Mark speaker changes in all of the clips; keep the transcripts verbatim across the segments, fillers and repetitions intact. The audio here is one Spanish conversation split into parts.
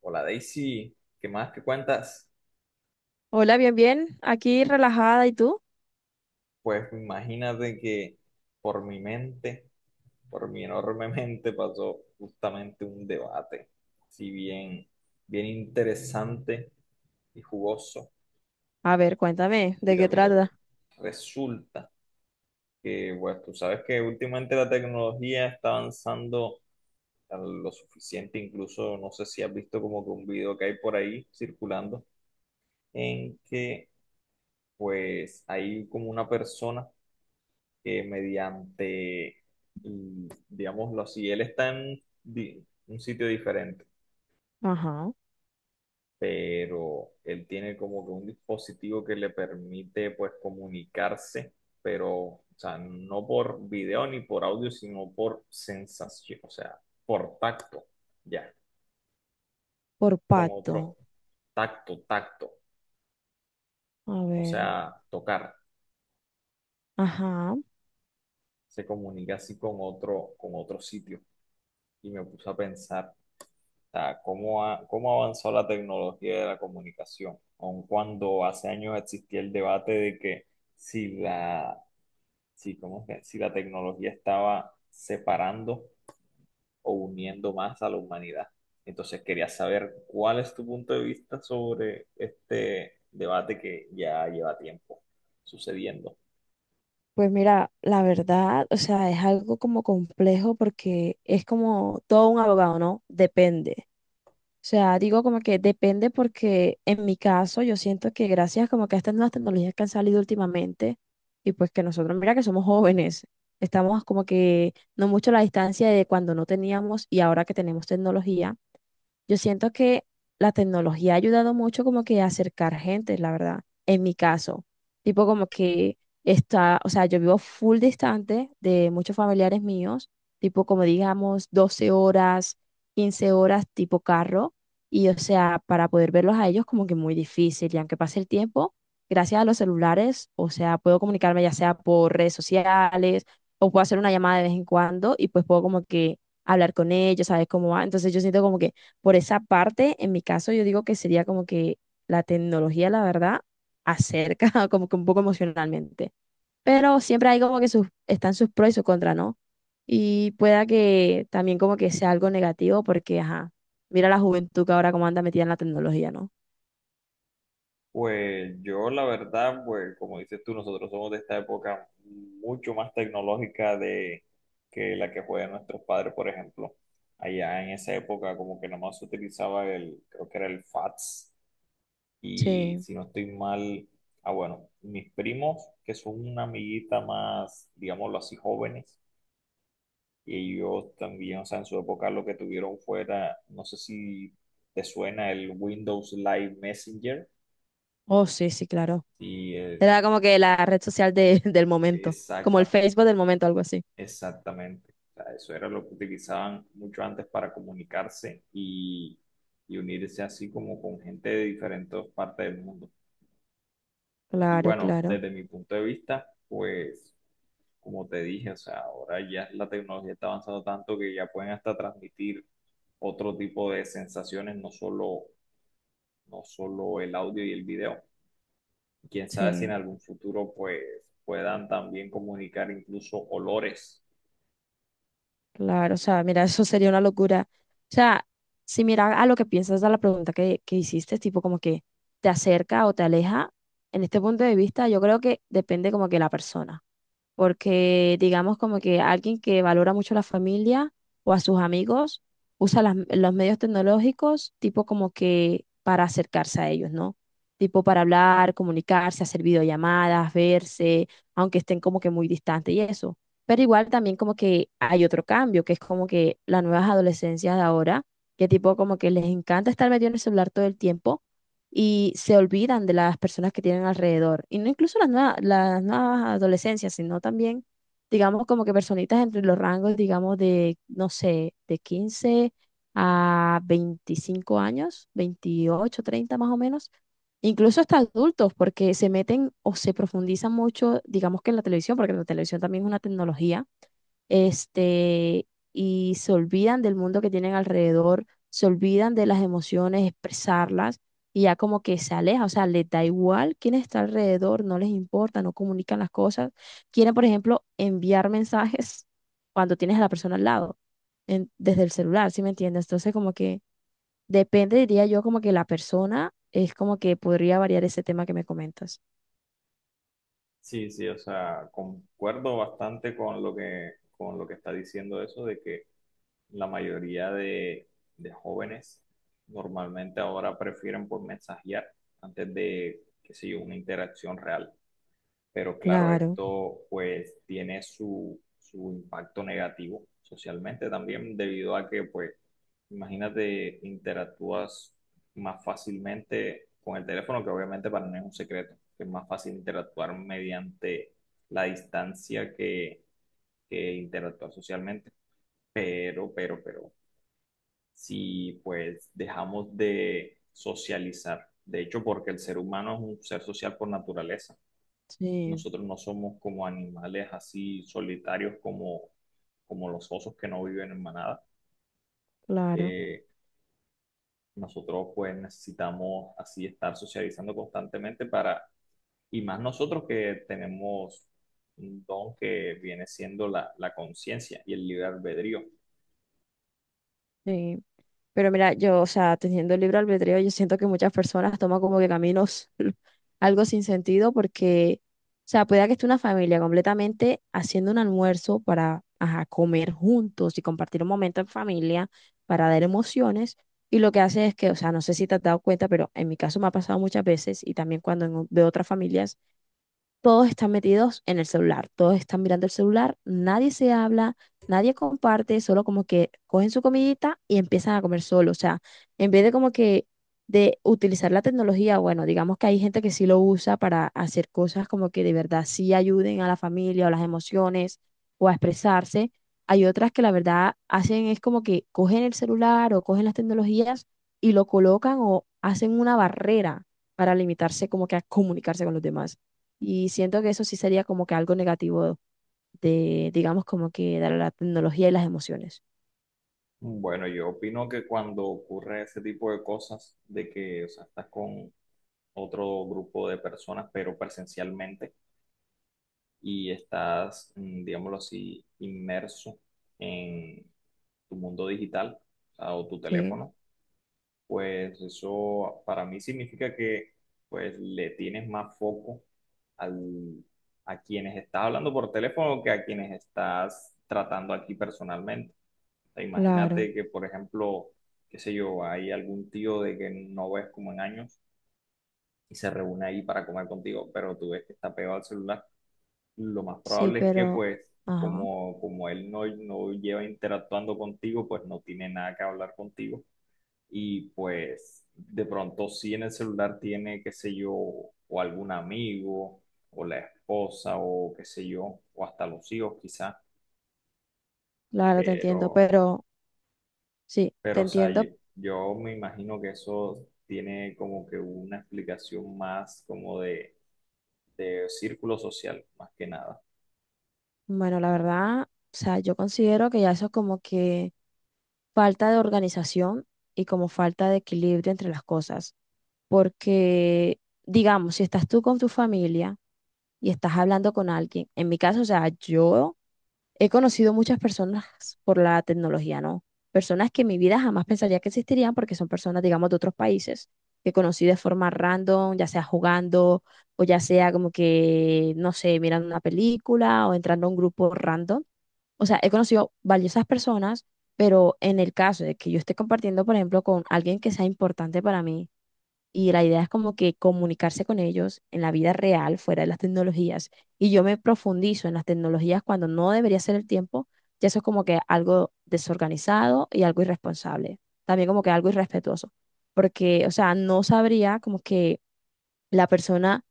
Speaker 1: Hola Daisy, ¿qué más que cuentas?
Speaker 2: Hola, bien, bien. Aquí relajada. ¿Y tú?
Speaker 1: Pues imagínate que por mi mente, por mi enorme mente pasó justamente un debate, si bien, bien interesante y jugoso.
Speaker 2: A ver, cuéntame, ¿de
Speaker 1: Mira,
Speaker 2: qué
Speaker 1: mira, mira.
Speaker 2: trata?
Speaker 1: Resulta que, pues tú sabes que últimamente la tecnología está avanzando a lo suficiente, incluso no sé si has visto como que un video que hay por ahí circulando, en que pues hay como una persona que mediante, mm, digámoslo así, él está en di- un sitio diferente,
Speaker 2: Ajá.
Speaker 1: pero él tiene como que un dispositivo que le permite pues comunicarse, pero, o sea, no por video ni por audio, sino por sensación, o sea, por tacto, ya,
Speaker 2: Por
Speaker 1: con
Speaker 2: pato.
Speaker 1: otro tacto, tacto,
Speaker 2: A
Speaker 1: o
Speaker 2: ver.
Speaker 1: sea, tocar.
Speaker 2: Ajá.
Speaker 1: Se comunica así con otro, con otro sitio. Y me puse a pensar, o sea, ¿cómo ha, ¿cómo avanzó la tecnología de la comunicación? Aun cuando hace años existía el debate de que si la, si, ¿cómo es que? Si la tecnología estaba separando o uniendo más a la humanidad. Entonces quería saber cuál es tu punto de vista sobre este debate que ya lleva tiempo sucediendo.
Speaker 2: Pues mira, la verdad, o sea, es algo como complejo porque es como todo un abogado, ¿no? Depende. O sea, digo como que depende porque en mi caso yo siento que gracias como que a estas nuevas tecnologías que han salido últimamente y pues que nosotros, mira que somos jóvenes, estamos como que no mucho a la distancia de cuando no teníamos y ahora que tenemos tecnología. Yo siento que la tecnología ha ayudado mucho como que a acercar gente, la verdad, en mi caso. Tipo como que está, o sea, yo vivo full distante de muchos familiares míos, tipo como digamos doce horas, quince horas tipo carro, y o sea, para poder verlos a ellos como que muy difícil, y aunque pase el tiempo, gracias a los celulares, o sea, puedo comunicarme ya sea por redes sociales o puedo hacer una llamada de vez en cuando y pues puedo como que hablar con ellos, ¿sabes cómo va? Entonces yo siento como que por esa parte, en mi caso, yo digo que sería como que la tecnología, la verdad, acerca como que un poco emocionalmente. Pero siempre hay como que sus, están sus pros y sus contras, ¿no? Y pueda que también como que sea algo negativo porque, ajá, mira la juventud que ahora como anda metida en la tecnología, ¿no?
Speaker 1: Pues yo la verdad, pues como dices tú, nosotros somos de esta época mucho más tecnológica de que la que juegan nuestros padres, por ejemplo. Allá en esa época como que nomás se utilizaba el, creo que era el fax y
Speaker 2: Sí.
Speaker 1: si no estoy mal, ah bueno, mis primos que son una amiguita más, digámoslo así, jóvenes y ellos también, o sea, en su época lo que tuvieron fuera, no sé si te suena el Windows Live Messenger.
Speaker 2: Oh, sí, sí, claro.
Speaker 1: Sí, eh,
Speaker 2: Era como que la red social de- del momento, como el
Speaker 1: exactamente.
Speaker 2: Facebook del momento, algo así.
Speaker 1: Exactamente. O sea, eso era lo que utilizaban mucho antes para comunicarse y, y unirse así como con gente de diferentes partes del mundo. Y
Speaker 2: Claro,
Speaker 1: bueno,
Speaker 2: claro.
Speaker 1: desde mi punto de vista, pues como te dije, o sea, ahora ya la tecnología está avanzando tanto que ya pueden hasta transmitir otro tipo de sensaciones, no solo, no solo el audio y el video. Quién sabe si
Speaker 2: Sí.
Speaker 1: en algún futuro pues puedan también comunicar incluso olores.
Speaker 2: Claro, o sea, mira, eso sería una locura. O sea, si mira a lo que piensas, a la pregunta que, que hiciste, tipo como que te acerca o te aleja, en este punto de vista, yo creo que depende como que la persona porque digamos como que alguien que valora mucho a la familia o a sus amigos usa las- los medios tecnológicos tipo como que para acercarse a ellos, ¿no? Tipo para hablar, comunicarse, hacer videollamadas, verse, aunque estén como que muy distantes y eso. Pero igual también como que hay otro cambio, que es como que las nuevas adolescencias de ahora, que tipo como que les encanta estar metido en el celular todo el tiempo y se olvidan de las personas que tienen alrededor. Y no incluso las nuevas, las nuevas adolescencias, sino también, digamos, como que personitas entre los rangos, digamos, de, no sé, de quince a veinticinco años, veintiocho, treinta más o menos. Incluso hasta adultos, porque se meten o se profundizan mucho, digamos que en la televisión, porque la televisión también es una tecnología, este, y se olvidan del mundo que tienen alrededor, se olvidan de las emociones, expresarlas, y ya como que se aleja, o sea, les da igual quién está alrededor, no les importa, no comunican las cosas. Quieren, por ejemplo, enviar mensajes cuando tienes a la persona al lado, en- desde el celular, ¿sí me entiendes? Entonces, como que depende, diría yo, como que la persona es como que podría variar ese tema que me comentas.
Speaker 1: Sí, sí, o sea, concuerdo bastante con lo que, con lo que está diciendo eso de que la mayoría de, de jóvenes normalmente ahora prefieren por mensajear antes de, qué sé yo, una interacción real, pero claro,
Speaker 2: Claro,
Speaker 1: esto pues tiene su, su impacto negativo socialmente también debido a que pues imagínate interactúas más fácilmente con el teléfono, que obviamente para mí es un secreto, que es más fácil interactuar mediante la distancia que, que interactuar socialmente, pero, pero, pero si pues dejamos de socializar, de hecho porque el ser humano es un ser social por naturaleza,
Speaker 2: sí,
Speaker 1: nosotros no somos como animales así solitarios como, como los osos que no viven en manada.
Speaker 2: claro,
Speaker 1: Eh, Nosotros pues necesitamos así estar socializando constantemente para, y más nosotros que tenemos un don que viene siendo la, la conciencia y el libre albedrío.
Speaker 2: sí. Pero mira, yo, o sea, teniendo el libre albedrío, yo siento que muchas personas toman como que caminos algo sin sentido porque, o sea, puede que esté una familia completamente haciendo un almuerzo para, ajá, comer juntos y compartir un momento en familia para dar emociones. Y lo que hace es que, o sea, no sé si te has dado cuenta, pero en mi caso me ha pasado muchas veces y también cuando en o- veo otras familias todos están metidos en el celular, todos están mirando el celular, nadie se habla, nadie comparte, solo como que cogen su comidita y empiezan a comer solo. O sea, en vez de como que de utilizar la tecnología, bueno, digamos que hay gente que sí lo usa para hacer cosas como que de verdad sí ayuden a la familia o las emociones o a expresarse. Hay otras que la verdad hacen es como que cogen el celular o cogen las tecnologías y lo colocan o hacen una barrera para limitarse como que a comunicarse con los demás. Y siento que eso sí sería como que algo negativo de, digamos, como que dar a la tecnología y las emociones.
Speaker 1: Bueno, yo opino que cuando ocurre ese tipo de cosas, de que o sea, estás con otro grupo de personas, pero presencialmente, y estás, mm, digámoslo así, inmerso en tu mundo digital, ah, o tu
Speaker 2: Sí,
Speaker 1: teléfono, pues eso para mí significa que pues le tienes más foco al, a quienes estás hablando por teléfono que a quienes estás tratando aquí personalmente. O sea,
Speaker 2: claro.
Speaker 1: imagínate que, por ejemplo, qué sé yo, hay algún tío de que no ves como en años y se reúne ahí para comer contigo, pero tú ves que está pegado al celular. Lo más
Speaker 2: Sí,
Speaker 1: probable es que
Speaker 2: pero,
Speaker 1: pues
Speaker 2: ajá,
Speaker 1: como, como él no, no lleva interactuando contigo, pues no tiene nada que hablar contigo. Y pues de pronto si en el celular tiene, qué sé yo, o algún amigo, o la esposa, o qué sé yo, o hasta los hijos quizás,
Speaker 2: claro, te entiendo,
Speaker 1: pero,
Speaker 2: pero sí, te
Speaker 1: pero o sea, yo,
Speaker 2: entiendo.
Speaker 1: yo me imagino que eso tiene como que una explicación más como de, de círculo social, más que nada.
Speaker 2: Bueno, la verdad, o sea, yo considero que ya eso es como que falta de organización y como falta de equilibrio entre las cosas, porque, digamos, si estás tú con tu familia y estás hablando con alguien, en mi caso, o sea, yo He conocido muchas personas por la tecnología, ¿no? Personas que en mi vida jamás pensaría que existirían porque son personas, digamos, de otros países que conocí de forma random, ya sea jugando o ya sea como que, no sé, mirando una película o entrando a un grupo random. O sea, he conocido valiosas personas, pero en el caso de que yo esté compartiendo, por ejemplo, con alguien que sea importante para mí, y la idea es como que comunicarse con ellos en la vida real, fuera de las tecnologías. Y yo me profundizo en las tecnologías cuando no debería ser el tiempo, ya eso es como que algo desorganizado y algo irresponsable, también como que algo irrespetuoso, porque, o sea, no sabría como que la persona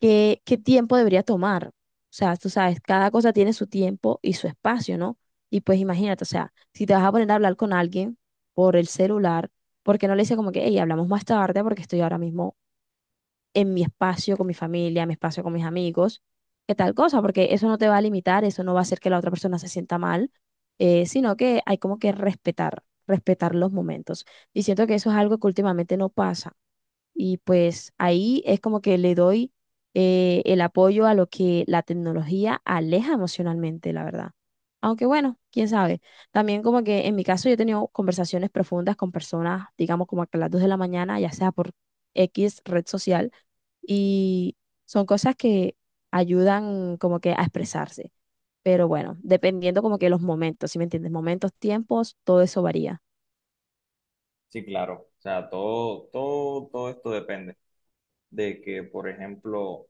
Speaker 2: qué, qué tiempo debería tomar. O sea, tú sabes, cada cosa tiene su tiempo y su espacio, ¿no? Y pues imagínate, o sea, si te vas a poner a hablar con alguien por el celular, ¿por qué no le dices como que, hey, hablamos más tarde porque estoy ahora mismo en mi espacio con mi familia, en mi espacio con mis amigos, que tal cosa, porque eso no te va a limitar, eso no va a hacer que la otra persona se sienta mal, eh, sino que hay como que respetar, respetar los momentos. Y siento que eso es algo que últimamente no pasa. Y pues ahí es como que le doy eh, el apoyo a lo que la tecnología aleja emocionalmente, la verdad. Aunque bueno, quién sabe. También como que en mi caso yo he tenido conversaciones profundas con personas, digamos como a las dos de la mañana, ya sea por X red social, y son cosas que ayudan como que a expresarse. Pero bueno, dependiendo como que los momentos, ¿si me entiendes? Momentos, tiempos, todo eso varía.
Speaker 1: Sí, claro. O sea, todo, todo, todo esto depende de que, por ejemplo, o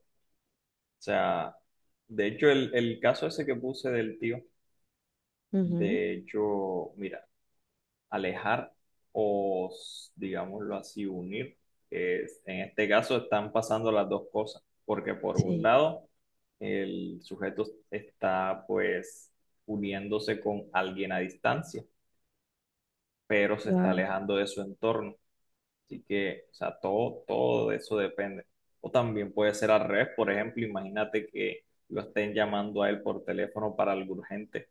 Speaker 1: sea, de hecho, el, el caso ese que puse del tío,
Speaker 2: Ujú,
Speaker 1: de hecho, mira, alejar o, s- digámoslo así, unir, es- en este caso están pasando las dos cosas, porque por un
Speaker 2: Sí,
Speaker 1: lado, el sujeto está pues uniéndose con alguien a distancia, pero se está
Speaker 2: claro.
Speaker 1: alejando de su entorno. Así que, o sea, todo, todo de eso depende. O también puede ser al revés, por ejemplo, imagínate que lo estén llamando a él por teléfono para algo urgente,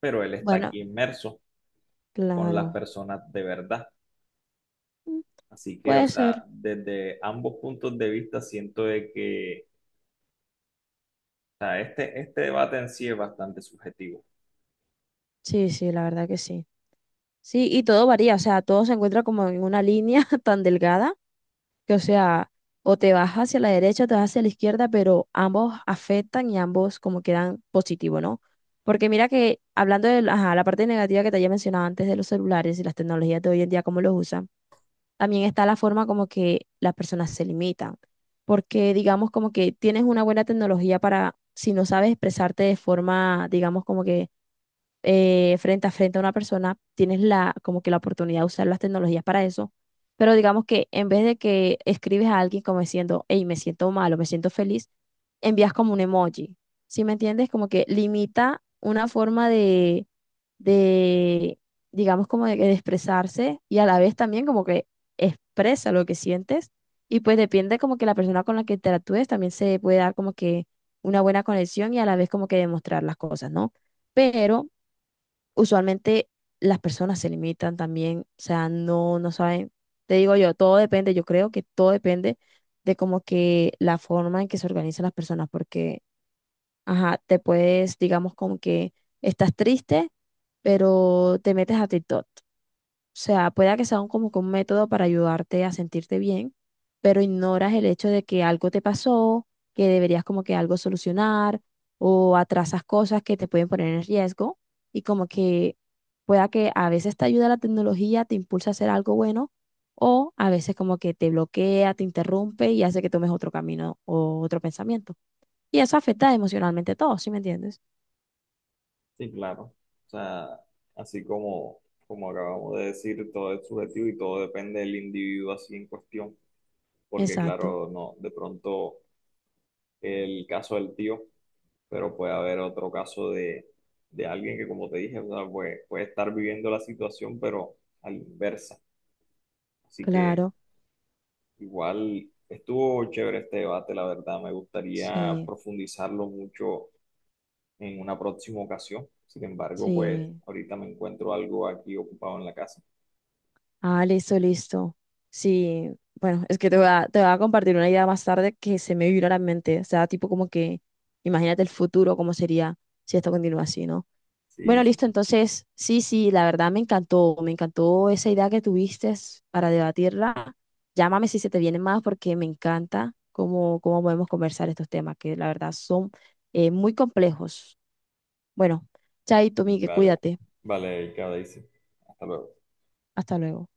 Speaker 1: pero él está
Speaker 2: Bueno,
Speaker 1: aquí inmerso con las
Speaker 2: claro.
Speaker 1: personas de verdad.
Speaker 2: Mm,
Speaker 1: Así que, o
Speaker 2: Puede
Speaker 1: sea,
Speaker 2: ser.
Speaker 1: desde ambos puntos de vista siento de que, o sea, este, este debate en sí es bastante subjetivo.
Speaker 2: Sí, sí, la verdad que sí. Sí, y todo varía, o sea, todo se encuentra como en una línea tan delgada. que, o sea, o te vas hacia la derecha o te vas hacia la izquierda, pero ambos afectan y ambos como quedan positivo, ¿no? Porque mira que hablando de ajá, la parte negativa que te había mencionado antes de los celulares y las tecnologías de hoy en día, cómo los usan, también está la forma como que las personas se limitan. Porque digamos como que tienes una buena tecnología para, si no sabes expresarte de forma, digamos como que eh, frente a frente a una persona, tienes la, como que la oportunidad de usar las tecnologías para eso. Pero digamos que en vez de que escribes a alguien como diciendo, hey, me siento mal o me siento feliz, envías como un emoji. ¿Sí me entiendes? Como que limita una forma de, de digamos, como de, de expresarse y a la vez también como que expresa lo que sientes. Y pues depende como que la persona con la que interactúes también se puede dar como que una buena conexión y a la vez como que demostrar las cosas, ¿no? Pero usualmente las personas se limitan también, o sea, no, no saben, te digo yo, todo depende, yo creo que todo depende de como que la forma en que se organizan las personas, porque, ajá, te puedes, digamos, como que estás triste, pero te metes a TikTok, o sea, pueda que sea un- como que un método para ayudarte a sentirte bien, pero ignoras el hecho de que algo te pasó, que deberías como que algo solucionar o atrasas cosas que te pueden poner en riesgo y como que pueda que a veces te ayuda la tecnología, te impulsa a hacer algo bueno o a veces como que te bloquea, te interrumpe y hace que tomes otro camino o otro pensamiento. Y eso afecta emocionalmente a todos, ¿sí me entiendes?
Speaker 1: Sí, claro. O sea, así como, como acabamos de decir, todo es subjetivo y todo depende del individuo así en cuestión, porque
Speaker 2: Exacto,
Speaker 1: claro, no, de pronto el caso del tío, pero puede haber otro caso de, de alguien que, como te dije, o sea, puede, puede estar viviendo la situación, pero a la inversa. Así que
Speaker 2: claro,
Speaker 1: igual estuvo chévere este debate, la verdad, me gustaría
Speaker 2: sí,
Speaker 1: profundizarlo mucho en una próxima ocasión. Sin embargo, pues
Speaker 2: sí.
Speaker 1: ahorita me encuentro algo aquí ocupado en la casa.
Speaker 2: Ah, listo, listo. Sí, bueno, es que te voy a, te voy a compartir una idea más tarde que se me vino a la mente. O sea, tipo como que, imagínate el futuro, cómo sería si esto continúa así, ¿no?
Speaker 1: Sí,
Speaker 2: Bueno,
Speaker 1: sí.
Speaker 2: listo, entonces, sí, sí, la verdad me encantó, me encantó esa idea que tuviste para debatirla. Llámame si se te viene más porque me encanta cómo, cómo podemos conversar estos temas, que la verdad son eh, muy complejos. Bueno, chaito,
Speaker 1: Y
Speaker 2: Migue,
Speaker 1: vale,
Speaker 2: cuídate.
Speaker 1: vale, Erika, Daisy. Hasta luego.
Speaker 2: Hasta luego.